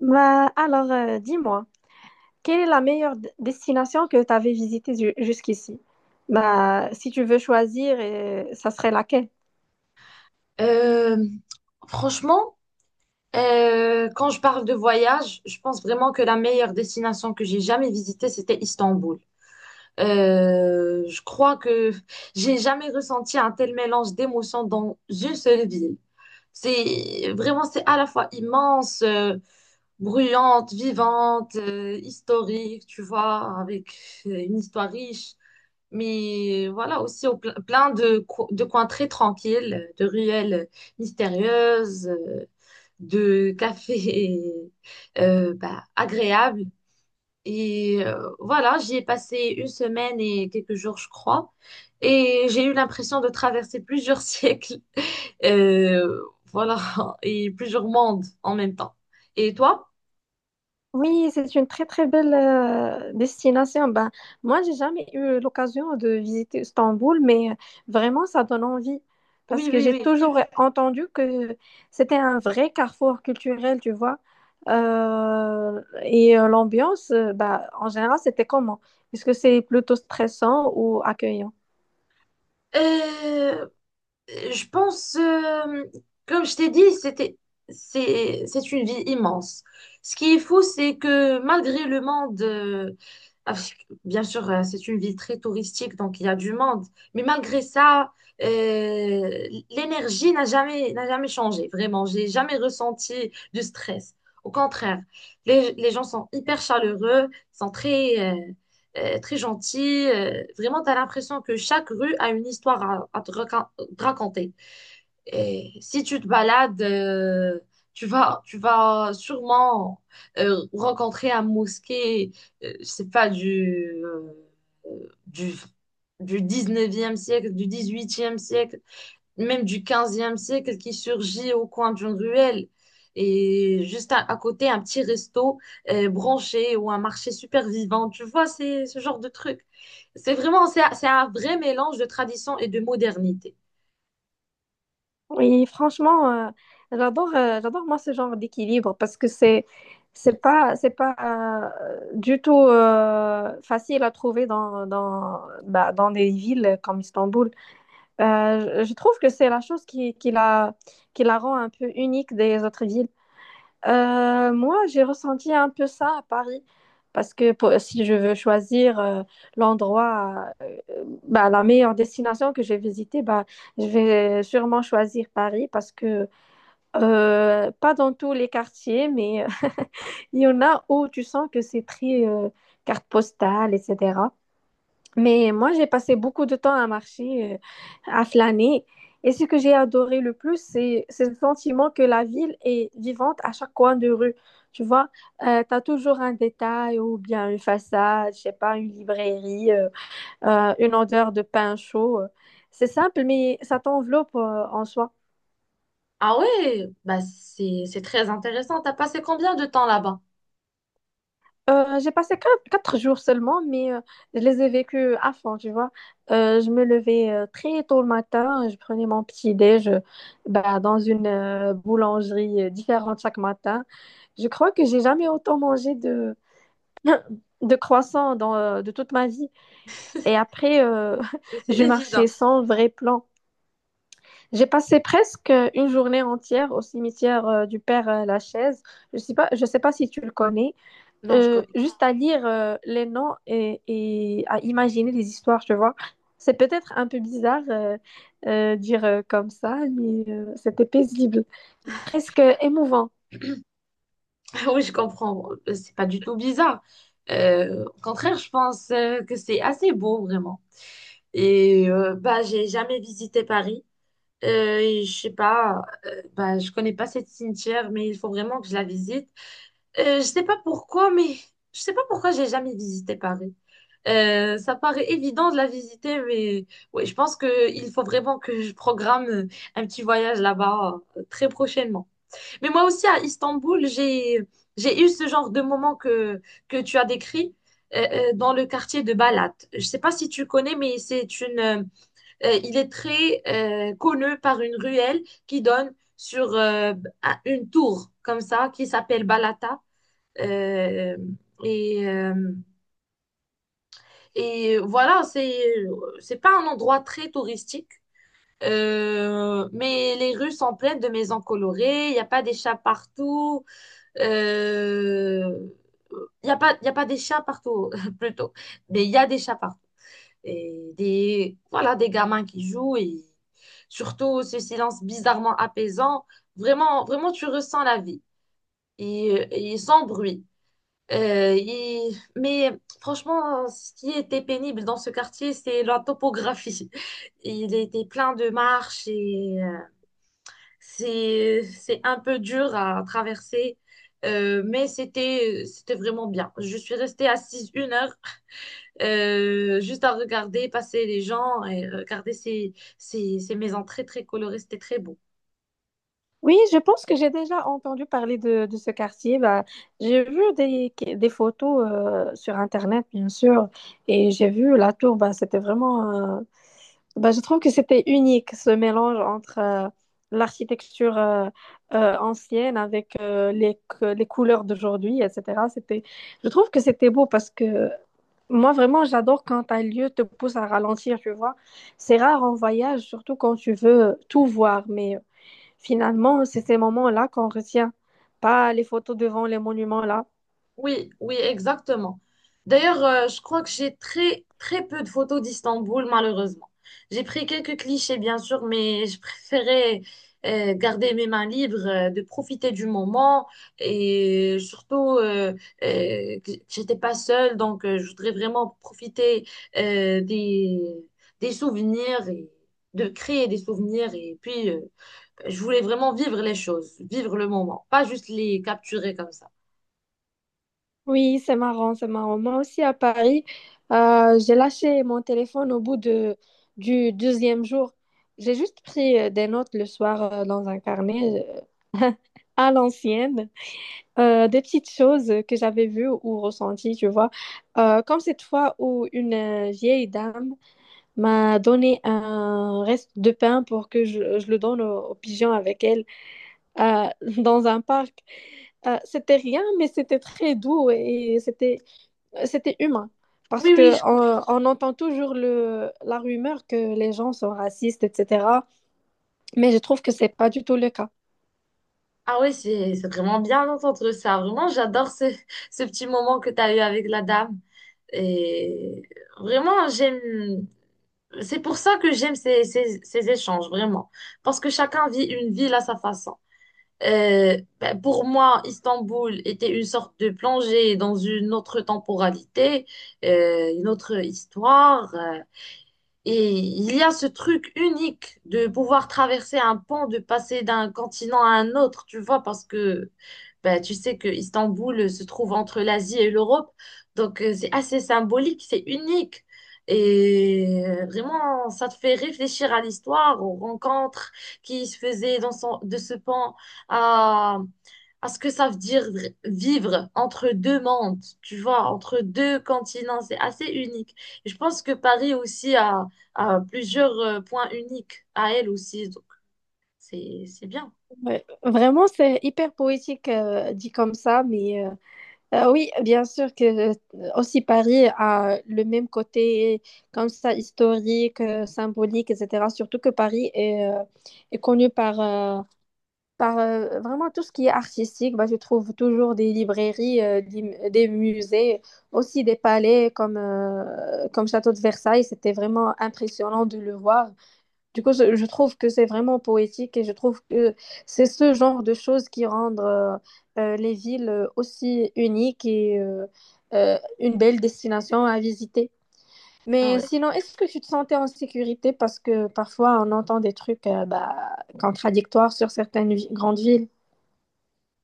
Dis-moi, quelle est la meilleure destination que tu avais visitée jusqu'ici? Bah, si tu veux choisir, ça serait laquelle? Euh, Franchement, quand je parle de voyage, je pense vraiment que la meilleure destination que j'ai jamais visitée, c'était Istanbul. Je crois que j'ai jamais ressenti un tel mélange d'émotions dans une seule ville. C'est à la fois immense, bruyante, vivante, historique, tu vois, avec une histoire riche. Mais voilà, aussi au plein de, de coins très tranquilles, de ruelles mystérieuses, de cafés bah, agréables. Et voilà, j'y ai passé une semaine et quelques jours, je crois. Et j'ai eu l'impression de traverser plusieurs siècles, euh, voilà, et plusieurs mondes en même temps. Et toi? Oui, c'est une très très belle destination. Ben, moi, j'ai jamais eu l'occasion de visiter Istanbul, mais vraiment, ça donne envie parce Oui, que oui, j'ai oui. toujours entendu que c'était un vrai carrefour culturel, tu vois. L'ambiance, bah, en général, c'était comment? Est-ce que c'est plutôt stressant ou accueillant? Euh, Je pense, comme je t'ai dit, c'est une vie immense. Ce qui est fou, c'est que malgré le monde, bien sûr, c'est une ville très touristique, donc il y a du monde, mais malgré ça, euh, l'énergie n'a jamais changé, vraiment. J'ai jamais ressenti du stress. Au contraire, les gens sont hyper chaleureux, sont très, très gentils. Vraiment, tu as l'impression que chaque rue a une histoire à te raconter. Et si tu te balades, tu vas sûrement rencontrer un mosquée, je sais pas, du, du 19e siècle, du dix huitième siècle, même du quinzième siècle qui surgit au coin d'une ruelle. Et juste à côté, un petit resto branché ou un marché super vivant. Tu vois, c'est ce genre de truc. C'est un vrai mélange de tradition et de modernité. Oui, franchement, j'adore, j'adore moi ce genre d'équilibre parce que c'est pas du tout facile à trouver bah, dans des villes comme Istanbul. Je trouve que c'est la chose qui la rend un peu unique des autres villes. Moi, j'ai ressenti un peu ça à Paris, parce que si je veux choisir l'endroit, bah, la meilleure destination que j'ai visitée, bah, je vais sûrement choisir Paris, parce que pas dans tous les quartiers, mais il y en a où tu sens que c'est très carte postale, etc. Mais moi, j'ai passé beaucoup de temps à marcher, à flâner. Et ce que j'ai adoré le plus, c'est le sentiment que la ville est vivante à chaque coin de rue. Tu vois, tu as toujours un détail ou bien une façade, je sais pas, une librairie, une odeur de pain chaud. C'est simple, mais ça t'enveloppe, en soi. Ah ouais, c'est très intéressant. T'as passé combien de temps là-bas? J'ai passé quatre, jours seulement, mais je les ai vécus à fond, tu vois. Je me levais très tôt le matin, je prenais mon petit déj bah, dans une boulangerie différente chaque matin. Je crois que j'ai jamais autant mangé de croissants de toute ma vie. Et après, C'est je marchais évident. sans vrai plan. J'ai passé presque une journée entière au cimetière du Père Lachaise. Je sais pas si tu le connais Non, je connais. juste à lire les noms et à imaginer les histoires, tu vois. C'est peut-être un peu bizarre dire comme ça, mais c'était paisible, presque émouvant. Oui, je comprends. C'est pas du tout bizarre. Au contraire, je pense que c'est assez beau vraiment. Et bah j'ai jamais visité Paris. Et je sais pas. Bah je connais pas cette cimetière, mais il faut vraiment que je la visite. Je sais pas pourquoi, mais je sais pas pourquoi j'ai jamais visité Paris. Ça paraît évident de la visiter, mais ouais, je pense que il faut vraiment que je programme un petit voyage là-bas très prochainement. Mais moi aussi à Istanbul, j'ai eu ce genre de moment que tu as décrit euh, dans le quartier de Balat. Je sais pas si tu connais, mais c'est une il est très connu par une ruelle qui donne sur une tour comme ça qui s'appelle Balata. Euh, et, et voilà, c'est pas un endroit très touristique. Mais les rues sont pleines de maisons colorées, il n'y a pas des chats partout. Euh, il y a pas des chats partout, plutôt. Mais il y a des chats partout. Et des, voilà, des gamins qui jouent et surtout ce silence bizarrement apaisant. Vraiment, vraiment, tu ressens la vie. Et sans bruit. Euh, et- Mais franchement, ce qui était pénible dans ce quartier, c'est la topographie. Il était plein de marches et c'est un peu dur à traverser. Mais c'était vraiment bien. Je suis restée assise une heure juste à regarder passer les gens et regarder ces maisons très très colorées. C'était très beau. Oui, je pense que j'ai déjà entendu parler de ce quartier. Bah, j'ai vu des photos sur Internet, bien sûr, et j'ai vu la tour. Bah, c'était vraiment. Bah, je trouve que c'était unique ce mélange entre l'architecture ancienne avec les, les couleurs d'aujourd'hui, etc. C'était, je trouve que c'était beau parce que moi vraiment j'adore quand un lieu te pousse à ralentir, tu vois. C'est rare en voyage, surtout quand tu veux tout voir, mais finalement c'est ces moments-là qu'on retient, pas les photos devant les monuments là. Oui, oui, exactement. D'ailleurs, je crois que j'ai très peu de photos d'Istanbul, malheureusement. J'ai pris quelques clichés, bien sûr, mais je préférais garder mes mains libres, de profiter du moment. Et surtout, que j'étais pas seule, donc je voudrais vraiment profiter euh, des, des souvenirs et de créer des souvenirs. Et puis, je voulais vraiment vivre les choses, vivre le moment, pas juste les capturer comme ça. Oui, c'est marrant, c'est marrant. Moi aussi à Paris, j'ai lâché mon téléphone au bout du deuxième jour. J'ai juste pris des notes le soir dans un carnet euh, à l'ancienne, des petites choses que j'avais vues ou ressenties, tu vois. Comme cette fois où une vieille dame m'a donné un reste de pain pour que je le donne aux pigeons avec elle euh, dans un parc. C'était rien, mais c'était très doux et c'était humain. Parce Oui, oui, que je on entend toujours la rumeur que les gens sont racistes, etc. Mais je trouve que c'est pas du tout le cas. Ah oui, c'est vraiment bien d'entendre ça. Vraiment, ce petit moment que tu as eu avec la dame. Et vraiment, j'aime. C'est pour ça que j'aime ces échanges, vraiment. Parce que chacun vit une ville à sa façon. Ben, pour moi, Istanbul était une sorte de plongée dans une autre temporalité, une autre histoire. Et il y a ce truc unique de pouvoir traverser un pont, de passer d'un continent à un autre, tu vois, parce que bah, tu sais que Istanbul se trouve entre l'Asie et l'Europe. Donc c'est assez symbolique, c'est unique. Et vraiment, ça te fait réfléchir à l'histoire, aux rencontres qui se faisaient de ce pont, à, à ce que ça veut dire vivre entre deux mondes, tu vois, entre deux continents. C'est assez unique. Et je pense que a plusieurs points uniques à elle aussi. Donc, c'est bien. Ouais. Vraiment, c'est hyper poétique dit comme ça. Mais oui, bien sûr que aussi Paris a le même côté comme ça historique, symbolique, etc. Surtout que Paris est connu par vraiment tout ce qui est artistique, bah, je trouve toujours des librairies, des musées, aussi des palais comme, comme Château de Versailles. C'était vraiment impressionnant de le voir. Du coup, je trouve que c'est vraiment poétique et je trouve que c'est ce genre de choses qui rendent les villes aussi uniques et une belle destination à visiter. Ah Mais ouais. sinon, est-ce que tu te sentais en sécurité? Parce que parfois, on entend des trucs bah, contradictoires sur certaines grandes villes.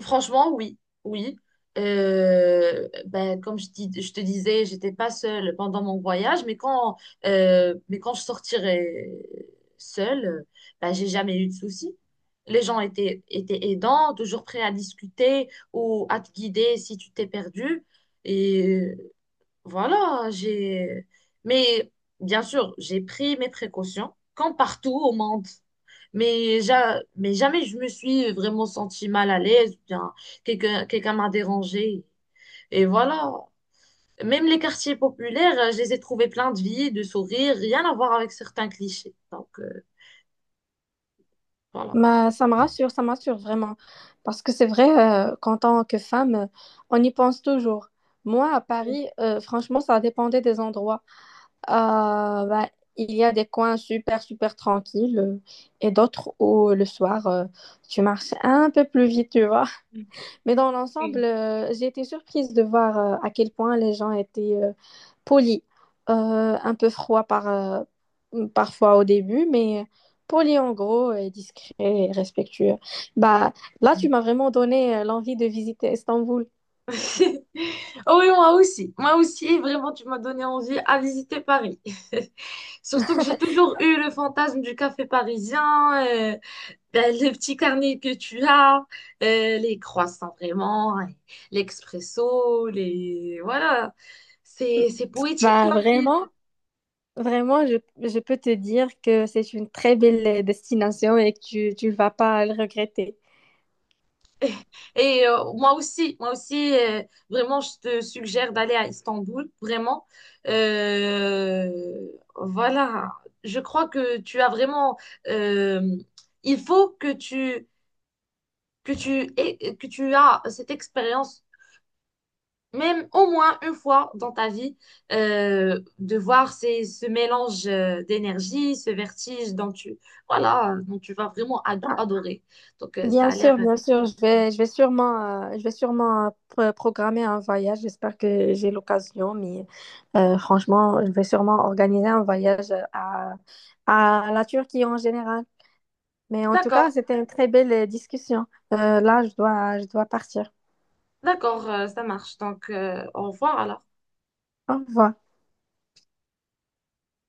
Franchement, oui, oui. Ben, je te disais, j'étais pas seule pendant mon voyage, mais quand je sortirai seule, ben, j'ai jamais eu de soucis. Étaient aidants, toujours prêts à discuter ou à te guider si tu t'es perdu. Et voilà, j'ai. Mais bien sûr, j'ai pris mes précautions, comme partout au monde. Mais, jamais je me suis vraiment sentie mal à l'aise, ou bien quelqu'un m'a dérangée. Et voilà. Même les quartiers populaires, je les ai trouvés pleins de vie, de sourires, rien à voir avec certains clichés. Donc, voilà. Mais ça me rassure vraiment. Parce que c'est vrai qu'en tant que femme, on y pense toujours. Moi, à Oui. Paris, franchement, ça dépendait des endroits. Euh, bah, il y a des coins super, super tranquilles et d'autres où le soir, tu marches un peu plus vite, tu vois. Mais dans l'ensemble, j'ai été surprise de voir à quel point les gens étaient poli, un peu froid parfois au début, mais poli en gros, et discret et respectueux. Bah, là, tu m'as vraiment donné l'envie de visiter Istanbul. Oh oui, moi aussi. Moi aussi, vraiment, tu m'as donné envie à visiter Paris. Surtout que j'ai toujours eu le fantasme du café parisien, ben, le petit carnet que tu as, les croissants vraiment, et l'expresso, les... Voilà, c'est poétique Bah, comme ville. vraiment, vraiment, je peux te dire que c'est une très belle destination et que tu ne vas pas le regretter. Et moi aussi, vraiment, je te suggère d'aller à Istanbul, vraiment. Euh, voilà, je crois que tu as vraiment... euh, il faut que tu as cette expérience même au moins une fois dans ta vie, de voir ce mélange d'énergie, ce vertige dont tu, voilà, dont tu vas vraiment Bah, adorer. Donc, ça bien a l'air... sûr, bien sûr, je vais sûrement programmer un voyage. J'espère que j'ai l'occasion, mais franchement, je vais sûrement organiser un voyage à la Turquie en général. Mais en tout cas, D'accord, c'était une très belle discussion. Là, je dois partir. d'accord, ça marche. Donc, au revoir alors. Au revoir.